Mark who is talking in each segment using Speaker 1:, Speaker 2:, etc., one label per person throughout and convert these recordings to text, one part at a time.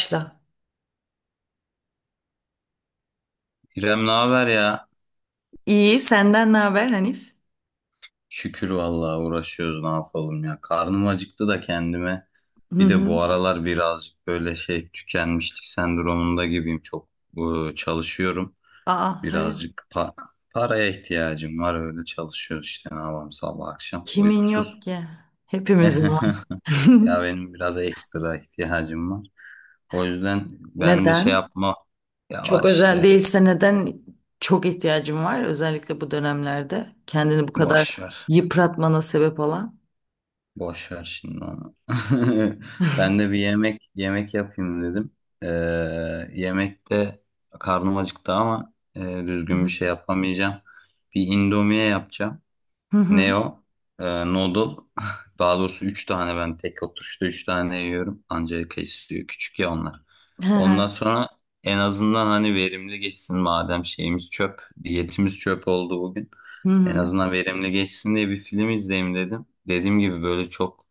Speaker 1: Başla.
Speaker 2: İrem, ne haber ya?
Speaker 1: İyi, senden ne haber Hanif?
Speaker 2: Şükür vallahi uğraşıyoruz, ne yapalım ya. Karnım acıktı da kendime.
Speaker 1: Hı
Speaker 2: Bir de
Speaker 1: hı.
Speaker 2: bu aralar birazcık böyle şey tükenmişlik sendromunda gibiyim. Çok çalışıyorum.
Speaker 1: Aa, hayır.
Speaker 2: Birazcık paraya ihtiyacım var, öyle çalışıyoruz işte, ne yapalım, sabah akşam
Speaker 1: Kimin yok
Speaker 2: uykusuz.
Speaker 1: ki? Hepimizin var.
Speaker 2: Ya benim biraz ekstra ihtiyacım var. O yüzden ben de şey
Speaker 1: Neden?
Speaker 2: yapma, ya
Speaker 1: Çok
Speaker 2: var
Speaker 1: özel
Speaker 2: işte,
Speaker 1: değilse neden çok ihtiyacım var? Özellikle bu dönemlerde kendini bu kadar
Speaker 2: boş ver.
Speaker 1: yıpratmana sebep olan.
Speaker 2: Boş ver şimdi onu. Ben de bir yemek yapayım dedim. Ee, yemekte karnım acıktı ama
Speaker 1: Hı
Speaker 2: düzgün bir
Speaker 1: hı.
Speaker 2: şey yapamayacağım. Bir indomie yapacağım.
Speaker 1: Hı hı.
Speaker 2: Neo, o? Noodle. Daha doğrusu 3 tane, ben tek oturuşta 3 tane yiyorum. Ancak kesiyor. Küçük ya onlar.
Speaker 1: Hı hı.
Speaker 2: Ondan sonra en azından hani verimli geçsin, madem şeyimiz çöp. Diyetimiz çöp oldu bugün.
Speaker 1: Hı
Speaker 2: En
Speaker 1: hı.
Speaker 2: azından verimli geçsin diye bir film izleyeyim dedim. Dediğim gibi böyle çok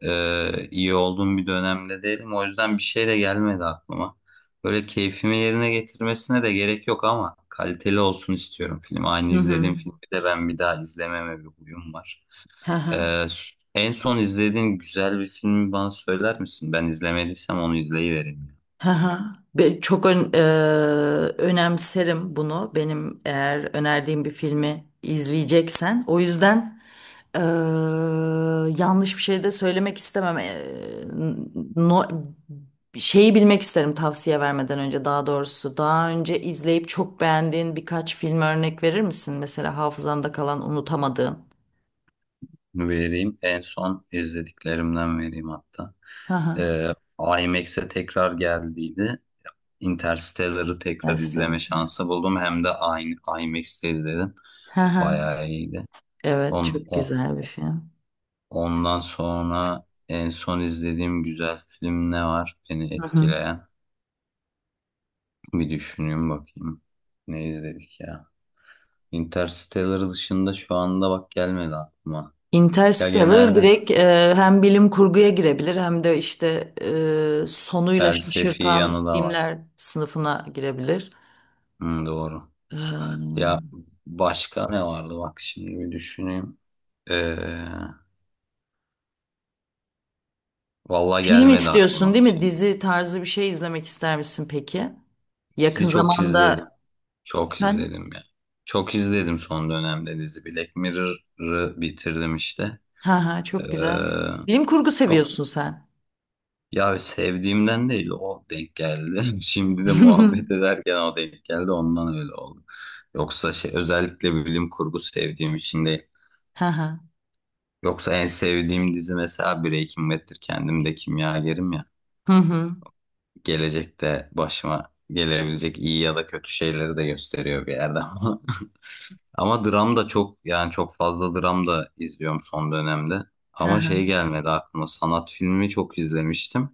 Speaker 2: iyi olduğum bir dönemde değilim. O yüzden bir şey de gelmedi aklıma. Böyle keyfimi yerine getirmesine de gerek yok ama kaliteli olsun istiyorum film. Aynı
Speaker 1: Hı hı.
Speaker 2: izlediğim filmi de ben bir daha izlememe bir huyum var.
Speaker 1: Hı hı.
Speaker 2: En son izlediğin güzel bir filmi bana söyler misin? Ben izlemediysem onu izleyivereyim.
Speaker 1: Hı çok ön- e, Önemserim bunu. Benim eğer önerdiğim bir filmi izleyeceksen. O yüzden Eee, yanlış bir şey de söylemek istemem. No- Şeyi bilmek isterim tavsiye vermeden önce daha doğrusu. Daha önce izleyip çok beğendiğin birkaç film örnek verir misin? Mesela hafızanda kalan unutamadığın.
Speaker 2: Onu vereyim. En son izlediklerimden vereyim hatta.
Speaker 1: Hı hı.
Speaker 2: Ee, IMAX'e tekrar geldiydi. Interstellar'ı tekrar izleme
Speaker 1: Interstellar.
Speaker 2: şansı buldum. Hem de aynı IMAX'te izledim.
Speaker 1: Hı hı.
Speaker 2: Bayağı iyiydi.
Speaker 1: Evet,
Speaker 2: On,
Speaker 1: çok güzel bir film.
Speaker 2: Ondan sonra en son izlediğim güzel film ne var beni
Speaker 1: Hı hı.
Speaker 2: etkileyen? Bir düşüneyim bakayım. Ne izledik ya? Interstellar dışında şu anda bak gelmedi aklıma. Ya
Speaker 1: Interstellar
Speaker 2: genelde
Speaker 1: direkt hem bilim kurguya girebilir, hem de işte sonuyla
Speaker 2: felsefi
Speaker 1: şaşırtan
Speaker 2: yanı da var.
Speaker 1: filmler sınıfına girebilir.
Speaker 2: Hı, doğru.
Speaker 1: Ee,
Speaker 2: Ya başka ne vardı bak, şimdi bir düşüneyim. Ee, vallahi
Speaker 1: Film
Speaker 2: gelmedi
Speaker 1: istiyorsun,
Speaker 2: aklıma
Speaker 1: değil
Speaker 2: bir
Speaker 1: mi?
Speaker 2: şey.
Speaker 1: Dizi tarzı bir şey izlemek ister misin peki? Yakın
Speaker 2: Dizi çok
Speaker 1: zamanda
Speaker 2: izledim. Çok
Speaker 1: efendim?
Speaker 2: izledim ya. Çok izledim son dönemde dizi. Black Mirror'ı bitirdim işte.
Speaker 1: Ha ha,
Speaker 2: Ee,
Speaker 1: çok güzel. Bilim kurgu
Speaker 2: çok
Speaker 1: seviyorsun sen.
Speaker 2: ya, sevdiğimden değil, o denk geldi. Şimdi de muhabbet ederken o denk geldi, ondan öyle oldu. Yoksa şey, özellikle bilim kurgu sevdiğim için değil.
Speaker 1: Ha ha.
Speaker 2: Yoksa en sevdiğim dizi mesela Breaking Bad'tir. Kendim de kimyagerim ya.
Speaker 1: Hı hı.
Speaker 2: Gelecekte başıma gelebilecek iyi ya da kötü şeyleri de gösteriyor bir yerde ama. Ama dram da çok, yani çok fazla dram da izliyorum son dönemde.
Speaker 1: Ha
Speaker 2: Ama
Speaker 1: ha.
Speaker 2: şey gelmedi aklıma, sanat filmi çok izlemiştim.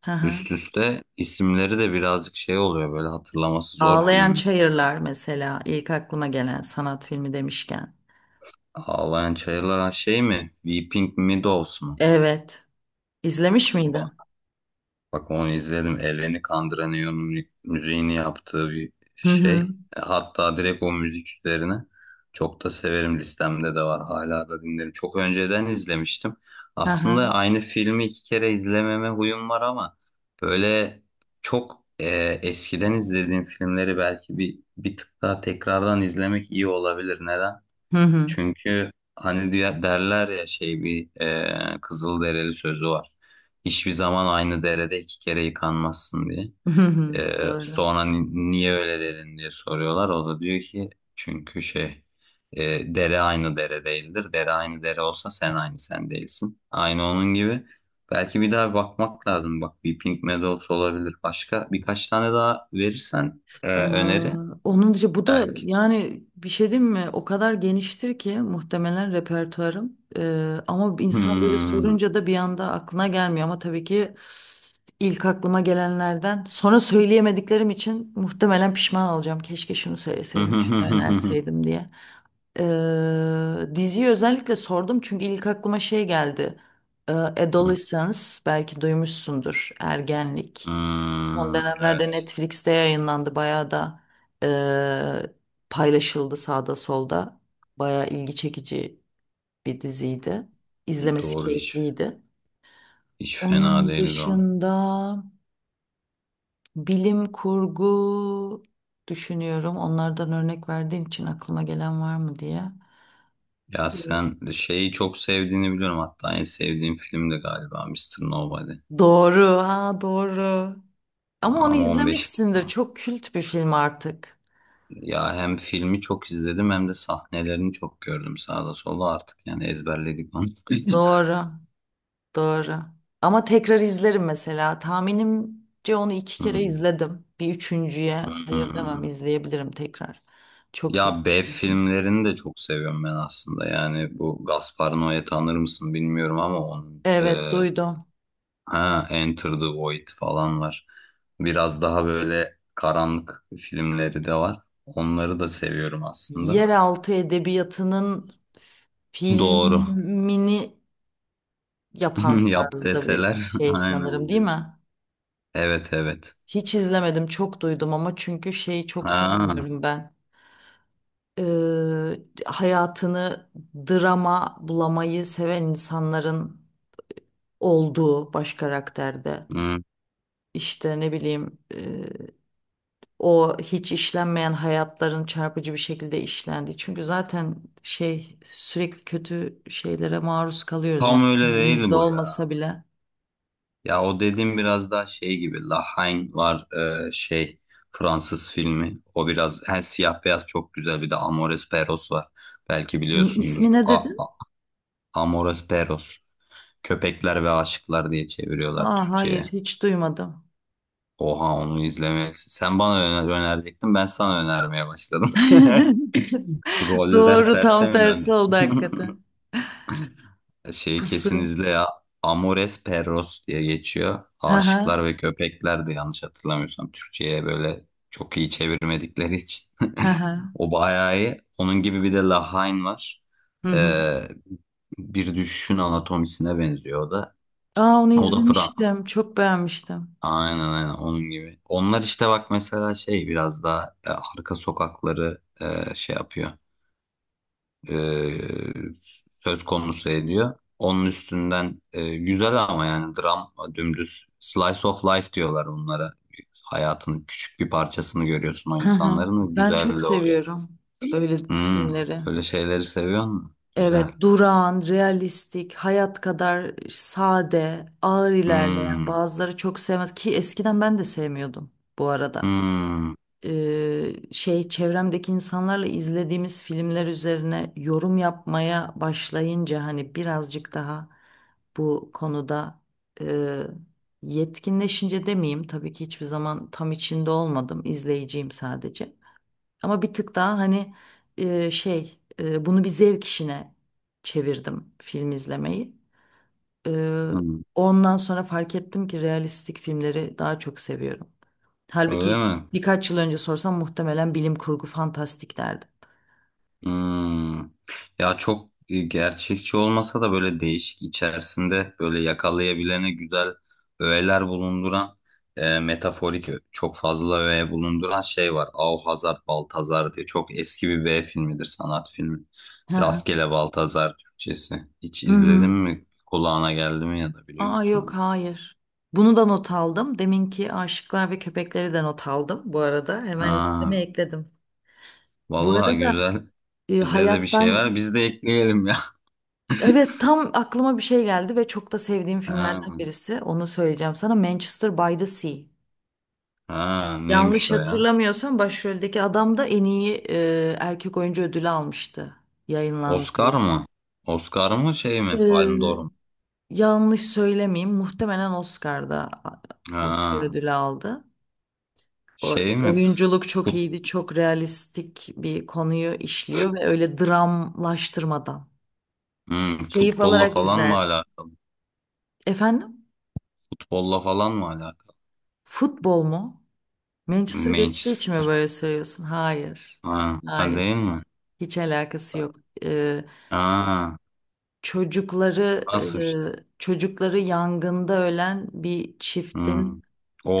Speaker 1: Ha ha.
Speaker 2: Üst üste isimleri de birazcık şey oluyor, böyle hatırlaması zor
Speaker 1: Ağlayan
Speaker 2: filmler oluyor.
Speaker 1: Çayırlar mesela, ilk aklıma gelen sanat filmi demişken.
Speaker 2: Ağlayan Çayırlar, ha, şey mi? Weeping Meadows mu?
Speaker 1: Evet. İzlemiş miydin?
Speaker 2: Bak, onu izledim. Eleni Kandıranıyor'un müziğini yaptığı bir
Speaker 1: Hı hı.
Speaker 2: şey. Hatta direkt o müzik üzerine çok da severim. Listemde de var. Hala da dinlerim. Çok önceden izlemiştim.
Speaker 1: Ha ha.
Speaker 2: Aslında aynı filmi iki kere izlememe huyum var ama böyle çok eskiden izlediğim filmleri belki bir tık daha tekrardan izlemek iyi olabilir. Neden?
Speaker 1: Hı hı.
Speaker 2: Çünkü hani derler ya, şey bir Kızılderili sözü var. Hiçbir zaman aynı derede iki kere yıkanmazsın diye.
Speaker 1: Hı hı. Doğru.
Speaker 2: Sonra niye öyle dedin diye soruyorlar. O da diyor ki çünkü şey dere aynı dere değildir. Dere aynı dere olsa sen aynı sen değilsin. Aynı onun gibi. Belki bir daha bakmak lazım. Bak, bir Pink Meadows olabilir. Başka birkaç tane daha verirsen
Speaker 1: Aa,
Speaker 2: öneri
Speaker 1: onun dışı bu da,
Speaker 2: belki.
Speaker 1: yani bir şey diyeyim mi? O kadar geniştir ki muhtemelen repertuarım. Ama insan böyle
Speaker 2: Hmm.
Speaker 1: sorunca da bir anda aklına gelmiyor. Ama tabii ki ilk aklıma gelenlerden sonra söyleyemediklerim için muhtemelen pişman olacağım. Keşke şunu söyleseydim, şunu önerseydim diye. Diziyi özellikle sordum çünkü ilk aklıma şey geldi. Adolescence belki duymuşsundur. Ergenlik. Son
Speaker 2: Hmm,
Speaker 1: dönemlerde
Speaker 2: evet.
Speaker 1: Netflix'te yayınlandı. Bayağı da eee, paylaşıldı sağda solda. Bayağı ilgi çekici bir diziydi. İzlemesi
Speaker 2: Doğru, hiç.
Speaker 1: keyifliydi.
Speaker 2: Hiç fena
Speaker 1: Onun
Speaker 2: değildi o.
Speaker 1: dışında bilim kurgu düşünüyorum. Onlardan örnek verdiğin için aklıma gelen var mı diye.
Speaker 2: Ya,
Speaker 1: Evet.
Speaker 2: sen şeyi çok sevdiğini biliyorum. Hatta en sevdiğin film de galiba Mister Nobody.
Speaker 1: Doğru, ha doğru. Ama onu
Speaker 2: Ama 15
Speaker 1: izlemişsindir.
Speaker 2: kilo.
Speaker 1: Çok kült bir film artık.
Speaker 2: Ya hem filmi çok izledim hem de sahnelerini çok gördüm sağda solda, artık yani ezberledik onu.
Speaker 1: Doğru. Doğru. Ama tekrar izlerim mesela. Tahminimce onu iki kere
Speaker 2: Hmm,
Speaker 1: izledim. Bir üçüncüye hayır demem,
Speaker 2: hmm.
Speaker 1: izleyebilirim tekrar. Çok
Speaker 2: Ya B
Speaker 1: sevmiştim çünkü.
Speaker 2: filmlerini de çok seviyorum ben aslında. Yani bu Gaspar Noé, tanır mısın bilmiyorum, ama onun
Speaker 1: Evet, duydum.
Speaker 2: ha, Enter the Void falan var. Biraz daha böyle karanlık filmleri de var. Onları da seviyorum aslında.
Speaker 1: Yeraltı edebiyatının
Speaker 2: Doğru.
Speaker 1: filmini yapan
Speaker 2: Yap
Speaker 1: tarzda bir
Speaker 2: deseler.
Speaker 1: şey sanırım, değil
Speaker 2: Aynen.
Speaker 1: mi?
Speaker 2: Evet, evet.
Speaker 1: Hiç izlemedim, çok duydum ama, çünkü şeyi çok
Speaker 2: Ha,
Speaker 1: sevmiyorum ben. Hayatını drama bulamayı seven insanların olduğu baş karakterde.
Speaker 2: hı.
Speaker 1: İşte ne bileyim o hiç işlenmeyen hayatların çarpıcı bir şekilde işlendiği. Çünkü zaten şey, sürekli kötü şeylere maruz kalıyoruz yani,
Speaker 2: Tam öyle değil
Speaker 1: kendimizde
Speaker 2: bu ya.
Speaker 1: olmasa bile.
Speaker 2: Ya o dediğim biraz daha şey gibi. La Haine var, şey, Fransız filmi. O biraz her siyah beyaz, çok güzel. Bir de Amores Perros var. Belki biliyorsundur.
Speaker 1: İsmi ne dedin?
Speaker 2: A- Amores Perros. Köpekler ve Aşıklar diye çeviriyorlar
Speaker 1: Aa, hayır
Speaker 2: Türkçe'ye.
Speaker 1: hiç duymadım.
Speaker 2: Oha, onu izlemelisin. Sen bana öner önerecektin, ben sana önermeye başladım. Roller
Speaker 1: Doğru,
Speaker 2: terse
Speaker 1: tam
Speaker 2: mi döndü?
Speaker 1: tersi oldu hakikaten.
Speaker 2: Şeyi kesin
Speaker 1: Kusur.
Speaker 2: izle ya. Amores Perros diye geçiyor.
Speaker 1: Hı hı.
Speaker 2: Aşıklar ve Köpekler de, yanlış hatırlamıyorsam, Türkçe'ye böyle çok iyi çevirmedikleri için.
Speaker 1: Hı hı.
Speaker 2: O bayağı iyi. Onun gibi bir de Lahain var.
Speaker 1: Hı hı.
Speaker 2: Ee, bir düşüşün anatomisine benziyor o da.
Speaker 1: Aa, onu
Speaker 2: O da
Speaker 1: izlemiştim. Çok beğenmiştim.
Speaker 2: aynen, aynen onun gibi. Onlar işte bak mesela şey, biraz daha arka sokakları şey yapıyor. E, söz konusu ediyor. Onun üstünden güzel, ama yani dram, dümdüz slice of life diyorlar onlara. Hayatın küçük bir parçasını görüyorsun o
Speaker 1: Hı hı.
Speaker 2: insanların, ve
Speaker 1: Ben çok
Speaker 2: güzel de oluyor.
Speaker 1: seviyorum öyle
Speaker 2: Hmm,
Speaker 1: filmleri.
Speaker 2: öyle şeyleri seviyor musun? Güzel.
Speaker 1: Evet, durağan, realistik, hayat kadar sade, ağır ilerleyen,
Speaker 2: Hmm,
Speaker 1: bazıları çok sevmez ki, eskiden ben de sevmiyordum bu arada.
Speaker 2: hmm,
Speaker 1: Şey, çevremdeki insanlarla izlediğimiz filmler üzerine yorum yapmaya başlayınca, hani birazcık daha bu konuda e, yetkinleşince demeyeyim, tabii ki hiçbir zaman tam içinde olmadım, izleyiciyim sadece. Ama bir tık daha hani bunu bir zevk işine çevirdim, film izlemeyi. E,
Speaker 2: hmm.
Speaker 1: Ondan sonra fark ettim ki realistik filmleri daha çok seviyorum.
Speaker 2: Öyle
Speaker 1: Halbuki
Speaker 2: mi?
Speaker 1: birkaç yıl önce sorsam muhtemelen bilim kurgu fantastik derdim.
Speaker 2: Hmm. Ya çok gerçekçi olmasa da böyle değişik, içerisinde böyle yakalayabilene güzel öğeler bulunduran, metaforik çok fazla öğe bulunduran şey var. Auhazar Baltazar diye çok eski bir B filmidir, sanat filmi.
Speaker 1: Hı hı.
Speaker 2: Rastgele Baltazar Türkçesi. Hiç
Speaker 1: Hı
Speaker 2: izledin
Speaker 1: hı.
Speaker 2: mi? Kulağına geldi mi, ya da biliyor
Speaker 1: Aa,
Speaker 2: musun
Speaker 1: yok
Speaker 2: onu?
Speaker 1: hayır. Bunu da not aldım. Deminki aşıklar ve köpekleri de not aldım bu arada. Hemen
Speaker 2: Aa,
Speaker 1: listeme ekledim. Bu
Speaker 2: vallahi
Speaker 1: arada
Speaker 2: güzel. Bize de bir şey
Speaker 1: hayattan
Speaker 2: ver. Biz de ekleyelim ya.
Speaker 1: evet, tam aklıma bir şey geldi ve çok da sevdiğim
Speaker 2: Ha,
Speaker 1: filmlerden birisi. Onu söyleyeceğim sana. Manchester by the Sea.
Speaker 2: ha, neymiş
Speaker 1: Yanlış
Speaker 2: o ya?
Speaker 1: hatırlamıyorsam başroldeki adam da en iyi erkek oyuncu ödülü almıştı. Yayınlandığı
Speaker 2: Oscar mı? Oscar mı, şey mi? Palme
Speaker 1: Ee,
Speaker 2: d'Or mu?
Speaker 1: yanlış söylemeyeyim. Muhtemelen Oscar
Speaker 2: Ha,
Speaker 1: ödülü aldı.
Speaker 2: şey mi?
Speaker 1: Oyunculuk çok
Speaker 2: Fut,
Speaker 1: iyiydi. Çok realistik bir konuyu işliyor ve öyle dramlaştırmadan. Keyif
Speaker 2: futbolla
Speaker 1: alarak
Speaker 2: falan mı
Speaker 1: izlersin.
Speaker 2: alakalı?
Speaker 1: Efendim?
Speaker 2: Futbolla falan mı alakalı?
Speaker 1: Futbol mu? Manchester geçtiği için mi
Speaker 2: Manchester.
Speaker 1: böyle söylüyorsun? Hayır.
Speaker 2: Ha, ha,
Speaker 1: Hayır.
Speaker 2: değil mi?
Speaker 1: Hiç alakası yok. Ee,
Speaker 2: Ha,
Speaker 1: çocukları
Speaker 2: nasıl bir şey?
Speaker 1: Çocukları yangında ölen bir
Speaker 2: Hmm.
Speaker 1: çiftin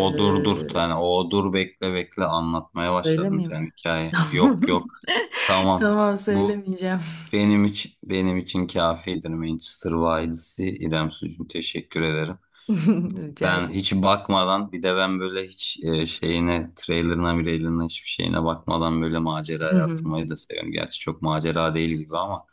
Speaker 1: e,
Speaker 2: dur, dur. Yani o, dur bekle, bekle, anlatmaya başladın
Speaker 1: söylemeyeyim
Speaker 2: sen hikaye. Yok,
Speaker 1: mi?
Speaker 2: yok. Tamam.
Speaker 1: Tamam,
Speaker 2: Bu
Speaker 1: söylemeyeceğim.
Speaker 2: benim için, benim için kafidir, Manchester Wiles'i. İrem Sucuğum, teşekkür ederim.
Speaker 1: Rica
Speaker 2: Ben
Speaker 1: ederim.
Speaker 2: hiç bakmadan, bir de ben böyle hiç şeyine, trailerına mirailerine, hiçbir şeyine bakmadan böyle maceraya atılmayı da seviyorum. Gerçi çok macera değil gibi ama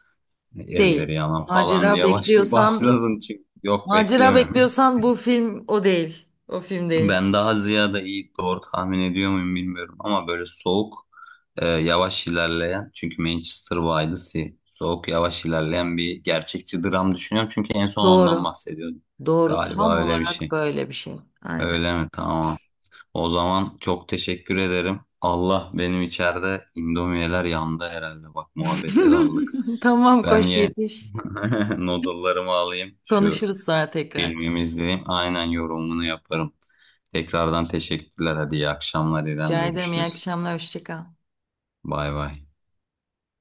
Speaker 2: "E, evleri
Speaker 1: Değil.
Speaker 2: yanan falan"
Speaker 1: Macera
Speaker 2: diye başladım,
Speaker 1: bekliyorsan,
Speaker 2: başladın çünkü, yok,
Speaker 1: Macera
Speaker 2: beklemiyorum.
Speaker 1: bekliyorsan bu film o değil. O film değil.
Speaker 2: Ben daha ziyade, iyi doğru tahmin ediyor muyum bilmiyorum ama, böyle soğuk yavaş ilerleyen, çünkü Manchester by the Sea soğuk, yavaş ilerleyen bir gerçekçi dram düşünüyorum çünkü en son ondan
Speaker 1: Doğru.
Speaker 2: bahsediyordum.
Speaker 1: Doğru. Tam
Speaker 2: Galiba öyle bir
Speaker 1: olarak
Speaker 2: şey.
Speaker 1: böyle bir şey. Aynen.
Speaker 2: Öyle mi? Tamam. O zaman çok teşekkür ederim. Allah, benim içeride indomiyeler yandı herhalde. Bak, muhabbete daldık.
Speaker 1: Tamam,
Speaker 2: Ben
Speaker 1: koş yetiş.
Speaker 2: noodle'larımı alayım. Şu
Speaker 1: Konuşuruz sonra tekrar.
Speaker 2: filmimi izleyeyim. Aynen, yorumunu yaparım. Tekrardan teşekkürler. Hadi, iyi akşamlar İrem.
Speaker 1: Rica ederim. İyi
Speaker 2: Görüşürüz.
Speaker 1: akşamlar. Hoşça kal.
Speaker 2: Bay bay.